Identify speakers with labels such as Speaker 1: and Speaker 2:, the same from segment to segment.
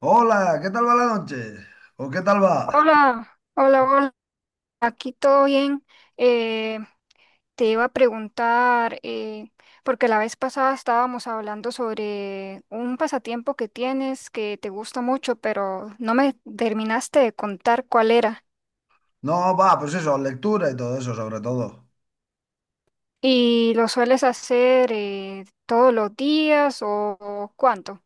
Speaker 1: Hola, ¿qué tal va la noche? ¿O qué tal va?
Speaker 2: Hola, hola, hola, aquí todo bien. Eh, te iba a preguntar, porque la vez pasada estábamos hablando sobre un pasatiempo que tienes que te gusta mucho, pero no me terminaste de contar cuál era.
Speaker 1: No, va, pues eso, lectura y todo eso, sobre todo.
Speaker 2: ¿Y lo sueles hacer todos los días o cuánto?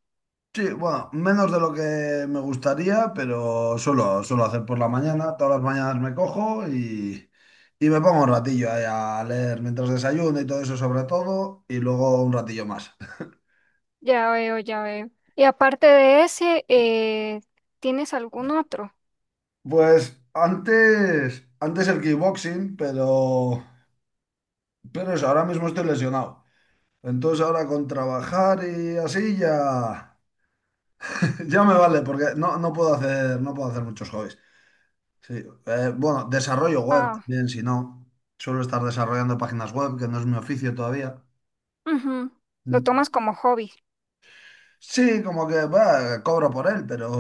Speaker 1: Sí, bueno, menos de lo que me gustaría, pero suelo hacer por la mañana. Todas las mañanas me cojo y me pongo un ratillo ahí a leer mientras desayuno y todo eso, sobre todo, y luego un ratillo más.
Speaker 2: Ya veo, ya veo. Y aparte de ese, ¿tienes algún otro?
Speaker 1: Pues antes el kickboxing, pero eso, ahora mismo estoy lesionado. Entonces ahora con trabajar y así ya. Ya me vale, porque no puedo hacer, no puedo hacer muchos hobbies. Sí. Bueno, desarrollo web
Speaker 2: Ah,
Speaker 1: también, si no. Suelo estar desarrollando páginas web, que no es mi oficio todavía.
Speaker 2: ujú. Lo
Speaker 1: Mm.
Speaker 2: tomas como hobby.
Speaker 1: Sí, como que bah, cobro por él,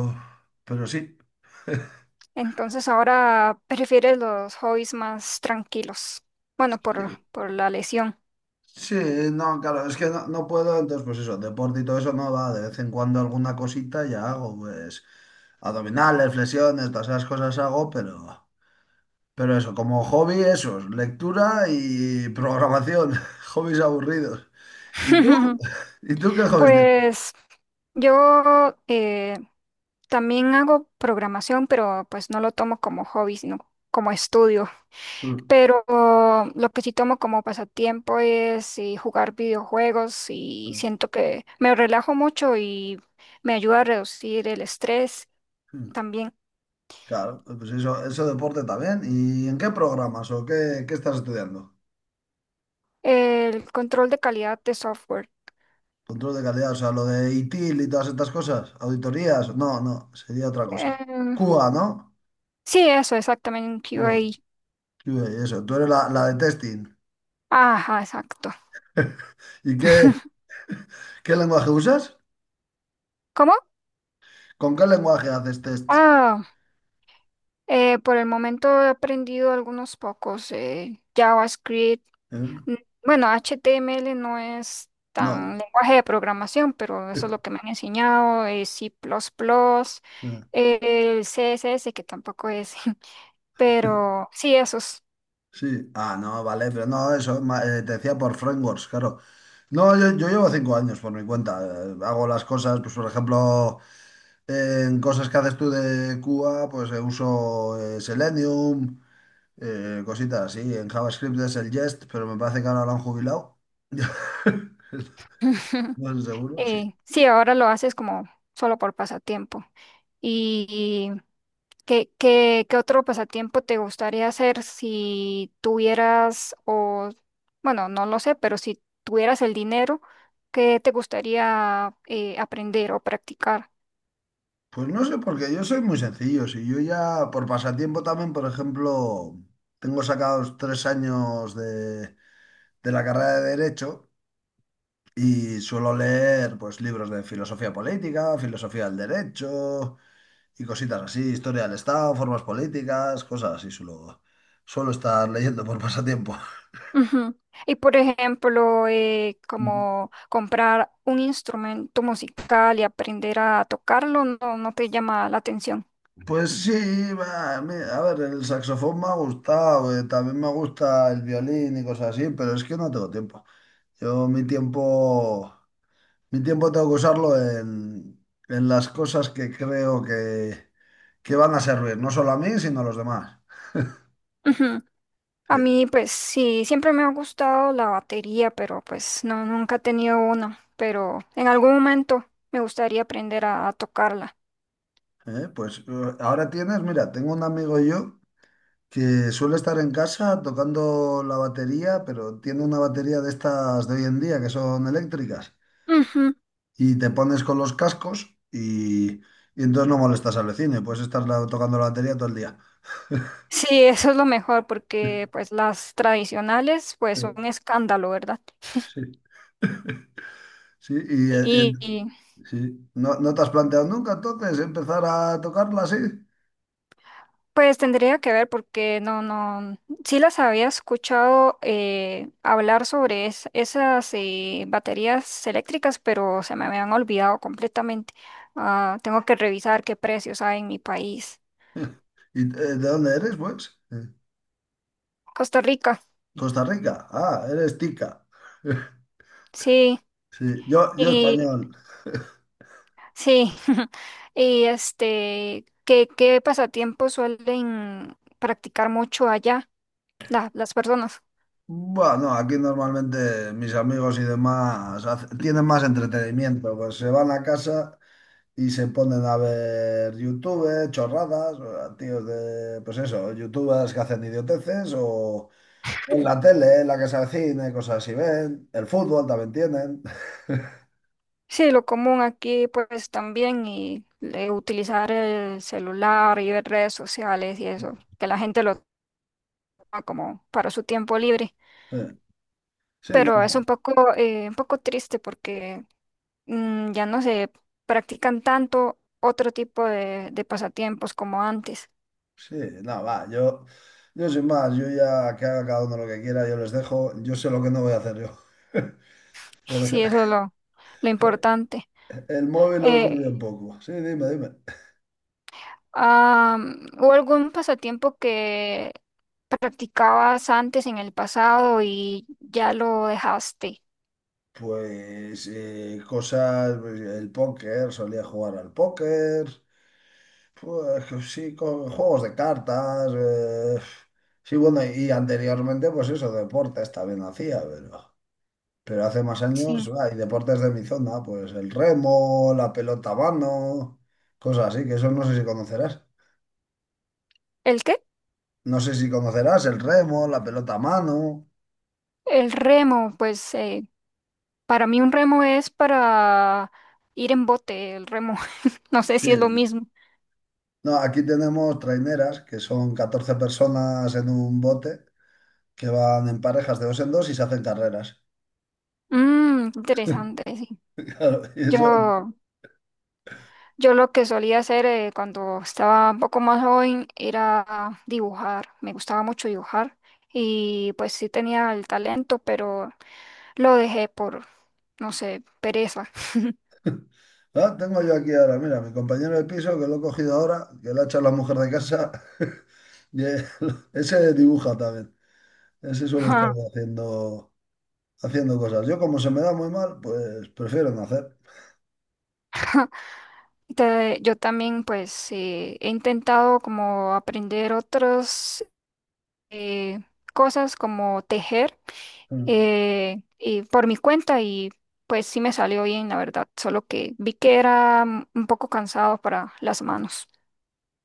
Speaker 1: pero sí.
Speaker 2: Entonces ahora prefieres los hobbies más tranquilos. Bueno,
Speaker 1: Sí,
Speaker 2: por la lesión.
Speaker 1: sí, no, claro, es que no puedo, entonces pues eso, deporte y todo eso no va, de vez en cuando alguna cosita ya hago, pues abdominales, flexiones, todas esas cosas hago, pero eso, como hobby, eso, lectura y programación, hobbies aburridos. ¿Y tú? ¿Y tú qué hobbies tienes?
Speaker 2: Pues yo, también hago programación, pero pues no lo tomo como hobby, sino como estudio.
Speaker 1: Mm,
Speaker 2: Pero lo que sí tomo como pasatiempo es, jugar videojuegos y siento que me relajo mucho y me ayuda a reducir el estrés
Speaker 1: mm.
Speaker 2: también.
Speaker 1: Claro, pues eso deporte también. ¿Y en qué programas o qué estás estudiando?
Speaker 2: El control de calidad de software.
Speaker 1: Control de calidad, o sea, lo de ITIL y todas estas cosas, auditorías, no, no, sería otra cosa.
Speaker 2: Em,
Speaker 1: Cuba, ¿no?
Speaker 2: Sí, eso, exactamente, un QA.
Speaker 1: Cuba, Cuba y eso, tú eres la de testing.
Speaker 2: Ajá, exacto.
Speaker 1: ¿Y qué lenguaje usas?
Speaker 2: ¿Cómo?
Speaker 1: ¿Con qué lenguaje haces tests?
Speaker 2: Ah, por el momento he aprendido algunos pocos. JavaScript.
Speaker 1: ¿Eh?
Speaker 2: mm, Bueno, HTML no es
Speaker 1: No.
Speaker 2: tan lenguaje de programación, pero eso es lo que me han enseñado. C++, eh, el CSS, que tampoco es. Pero sí, esos.
Speaker 1: Sí, ah, no, vale, pero no, eso te decía por frameworks, claro. No, yo llevo 5 años por mi cuenta. Hago las cosas, pues por ejemplo, en cosas que haces tú de Cuba, pues uso Selenium, cositas así. En JavaScript es el Jest, pero me parece que ahora lo han jubilado. No estoy seguro, sí.
Speaker 2: Sí, ahora lo haces como solo por pasatiempo. ¿Qué, qué, qué otro pasatiempo te gustaría hacer si tuvieras, o bueno, no lo sé, pero si tuvieras el dinero, qué te gustaría, aprender o practicar?
Speaker 1: Pues no sé, porque yo soy muy sencillo. Si yo ya, por pasatiempo también, por ejemplo, tengo sacados 3 años de la carrera de Derecho. Y suelo leer pues libros de filosofía política, filosofía del derecho y cositas así, historia del Estado, formas políticas, cosas así suelo estar leyendo por pasatiempo.
Speaker 2: Ujú. Y por ejemplo, como comprar un instrumento musical y aprender a tocarlo, no, no te llama la atención.
Speaker 1: Pues sí, va, mi- a ver, el saxofón me ha gustado, también me gusta el violín y cosas así, pero es que no tengo tiempo. Yo mi tiempo tengo que usarlo en las cosas que creo que van a servir, no solo a mí, sino a los demás.
Speaker 2: A
Speaker 1: Sí.
Speaker 2: mí, pues sí, siempre me ha gustado la batería, pero pues no, nunca he tenido una. Pero en algún momento me gustaría aprender a tocarla.
Speaker 1: Ahora tienes, mira, tengo un amigo yo que suele estar en casa tocando la batería, pero tiene una batería de estas de hoy en día que son eléctricas
Speaker 2: Ujú.
Speaker 1: y te pones con los cascos y entonces no molestas al vecino y puedes estar tocando la batería todo el día.
Speaker 2: Sí, eso es lo mejor, porque pues las tradicionales, pues son
Speaker 1: Eh,
Speaker 2: un escándalo, ¿verdad?
Speaker 1: sí, sí, y eh, eh,
Speaker 2: Y,
Speaker 1: sí. ¿No, no te has planteado nunca entonces empezar a tocarla así?
Speaker 2: pues tendría que ver porque no, sí las había escuchado, hablar sobre esas, baterías eléctricas, pero se me habían olvidado completamente. Ah, tengo que revisar qué precios hay en mi país.
Speaker 1: ¿Y de dónde eres, pues?
Speaker 2: Costa Rica,
Speaker 1: Costa Rica. Ah, eres tica.
Speaker 2: sí,
Speaker 1: Sí, yo
Speaker 2: y
Speaker 1: español.
Speaker 2: sí, y este, ¿qué, qué pasatiempos suelen practicar mucho allá las personas?
Speaker 1: Bueno, aquí normalmente mis amigos y demás tienen más entretenimiento, pues se van a casa y se ponen a ver YouTube, chorradas, o a tíos de, pues eso, youtubers que hacen idioteces o en la tele, en la casa de cine, cosas así ven, el fútbol también tienen.
Speaker 2: Sí, lo común aquí pues también y, utilizar el celular y ver redes sociales y eso, que la gente lo toma como para su tiempo libre,
Speaker 1: Sí, sí, no,
Speaker 2: pero es un poco triste porque ya no se practican tanto otro tipo de pasatiempos como antes.
Speaker 1: sí, no, va, yo sin más, yo ya que haga cada uno lo que quiera, yo les dejo, yo sé lo que no voy a hacer yo. Por
Speaker 2: Sí,
Speaker 1: ejemplo.
Speaker 2: eso es lo importante.
Speaker 1: El móvil lo uso
Speaker 2: Eh,
Speaker 1: yo un poco. Sí, dime, dime.
Speaker 2: ah, ¿Hubo algún pasatiempo que practicabas antes en el pasado y ya lo dejaste?
Speaker 1: Pues cosas, pues, el póker, solía jugar al póker, pues sí, co- juegos de cartas, sí, bueno, y anteriormente pues eso, deportes también hacía, pero hace más
Speaker 2: Sí.
Speaker 1: años, hay deportes de mi zona, pues el remo, la pelota a mano, cosas así, que eso no sé si conocerás.
Speaker 2: ¿El qué?
Speaker 1: No sé si conocerás el remo, la pelota a mano.
Speaker 2: El remo, pues, para mí un remo es para ir en bote, el remo. No sé si es lo
Speaker 1: Sí.
Speaker 2: mismo.
Speaker 1: No, aquí tenemos traineras, que son 14 personas en un bote, que van en parejas de dos en dos y se hacen carreras.
Speaker 2: Mm, interesante, sí.
Speaker 1: Claro, y eso,
Speaker 2: Yo, yo lo que solía hacer, cuando estaba un poco más joven era dibujar. Me gustaba mucho dibujar y pues sí tenía el talento, pero lo dejé por, no sé, pereza.
Speaker 1: ah, tengo yo aquí ahora, mira, mi compañero de piso, que lo he cogido ahora, que lo ha hecho la mujer de casa, y, eh, ese dibuja también. Ese suele estar
Speaker 2: Ajá.
Speaker 1: haciendo cosas. Yo, como se me da muy mal, pues prefiero no hacer.
Speaker 2: Yo también pues, he intentado como aprender otros, eh, cosas como tejer,
Speaker 1: Mm.
Speaker 2: y por mi cuenta y pues sí me salió bien, la verdad, solo que vi que era, un poco cansado para las manos.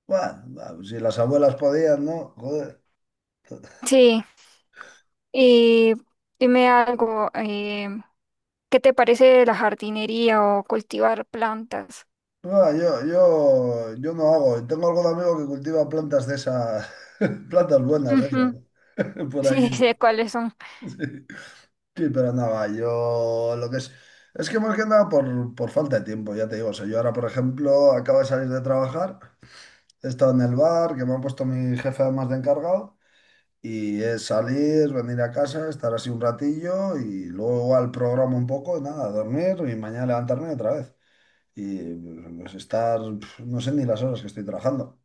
Speaker 1: Bueno, va, si las abuelas podían, ¿no?
Speaker 2: Sí, y dime algo, ¿qué te parece la jardinería o cultivar plantas?
Speaker 1: No, yo no hago. Tengo algún amigo que cultiva plantas de esas, plantas buenas de
Speaker 2: Ujú.
Speaker 1: esas, por aquí.
Speaker 2: Sí, sé cuáles son.
Speaker 1: Sí, sí, pero nada, yo lo que es que más que nada por falta de tiempo, ya te digo. O sea, yo ahora, por ejemplo, acabo de salir de trabajar, he estado en el bar, que me ha puesto mi jefe además de encargado, y es salir, venir a casa, estar así un ratillo y luego igual programa un poco, y nada, dormir y mañana levantarme otra vez. Y pues estar, pf, no sé ni las horas que estoy trabajando.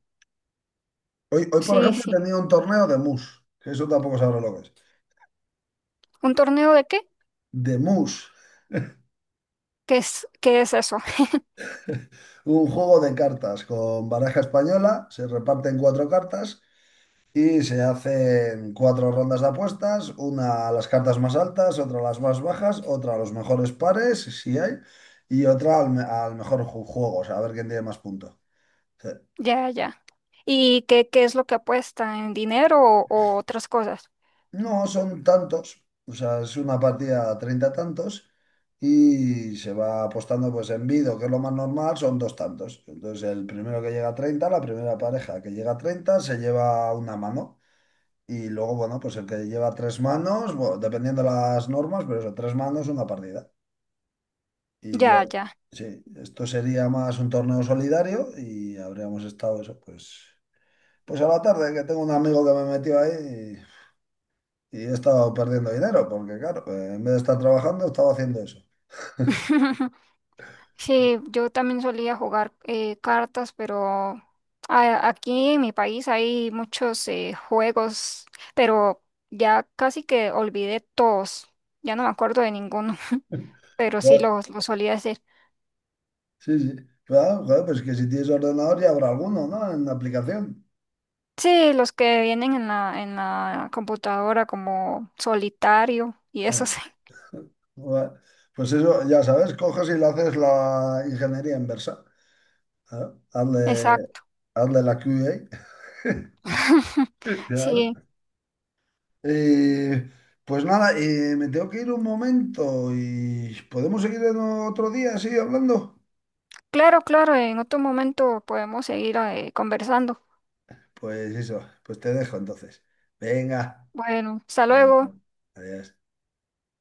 Speaker 1: Hoy, hoy, por
Speaker 2: Sí,
Speaker 1: ejemplo, he
Speaker 2: sí.
Speaker 1: tenido un torneo de mus, que eso tampoco sabré lo que es.
Speaker 2: ¿Un torneo de qué?
Speaker 1: De mus,
Speaker 2: Qué es eso?
Speaker 1: un juego de cartas con baraja española, se reparten 4 cartas y se hacen 4 rondas de apuestas, una a las cartas más altas, otra a las más bajas, otra a los mejores pares, si hay, y otra al, al mejor juego, o sea, a ver quién tiene más puntos.
Speaker 2: Ya, ya. ¿Y qué, qué es lo que apuesta en dinero o otras cosas?
Speaker 1: No, son tantos, o sea, es una partida 30 tantos y se va apostando pues en vido, que es lo más normal, son 2 tantos. Entonces el primero que llega a 30 la primera pareja que llega a 30 se lleva una mano y luego, bueno, pues el que lleva 3 manos, bueno, dependiendo las normas, pero eso, 3 manos, una partida. Y yo,
Speaker 2: Ya, ya.
Speaker 1: sí, esto sería más un torneo solidario y habríamos estado eso, pues, pues a la tarde, que tengo un amigo que me metió ahí y he estado perdiendo dinero, porque claro, en vez de estar trabajando, he estado haciendo eso.
Speaker 2: Sí, yo también solía jugar, cartas, pero aquí en mi país hay muchos, juegos, pero ya casi que olvidé todos, ya no me acuerdo de ninguno, pero sí
Speaker 1: Joder,
Speaker 2: los solía hacer.
Speaker 1: sí, sí. Claro, joder, pues que si tienes ordenador ya habrá alguno, ¿no? En la aplicación.
Speaker 2: Sí, los que vienen en en la computadora como solitario y
Speaker 1: Eh,
Speaker 2: eso sí,
Speaker 1: bueno, Pues eso, ya sabes, coges y le haces la ingeniería inversa. Claro, hazle,
Speaker 2: exacto.
Speaker 1: hazle la QA. Claro.
Speaker 2: Sí,
Speaker 1: Eh, pues nada, me tengo que ir un momento y podemos seguir en otro día así hablando.
Speaker 2: claro, claro, en otro momento podemos seguir, conversando.
Speaker 1: Pues eso, pues te dejo entonces. Venga.
Speaker 2: Bueno, hasta
Speaker 1: Adiós.
Speaker 2: luego.
Speaker 1: Adiós.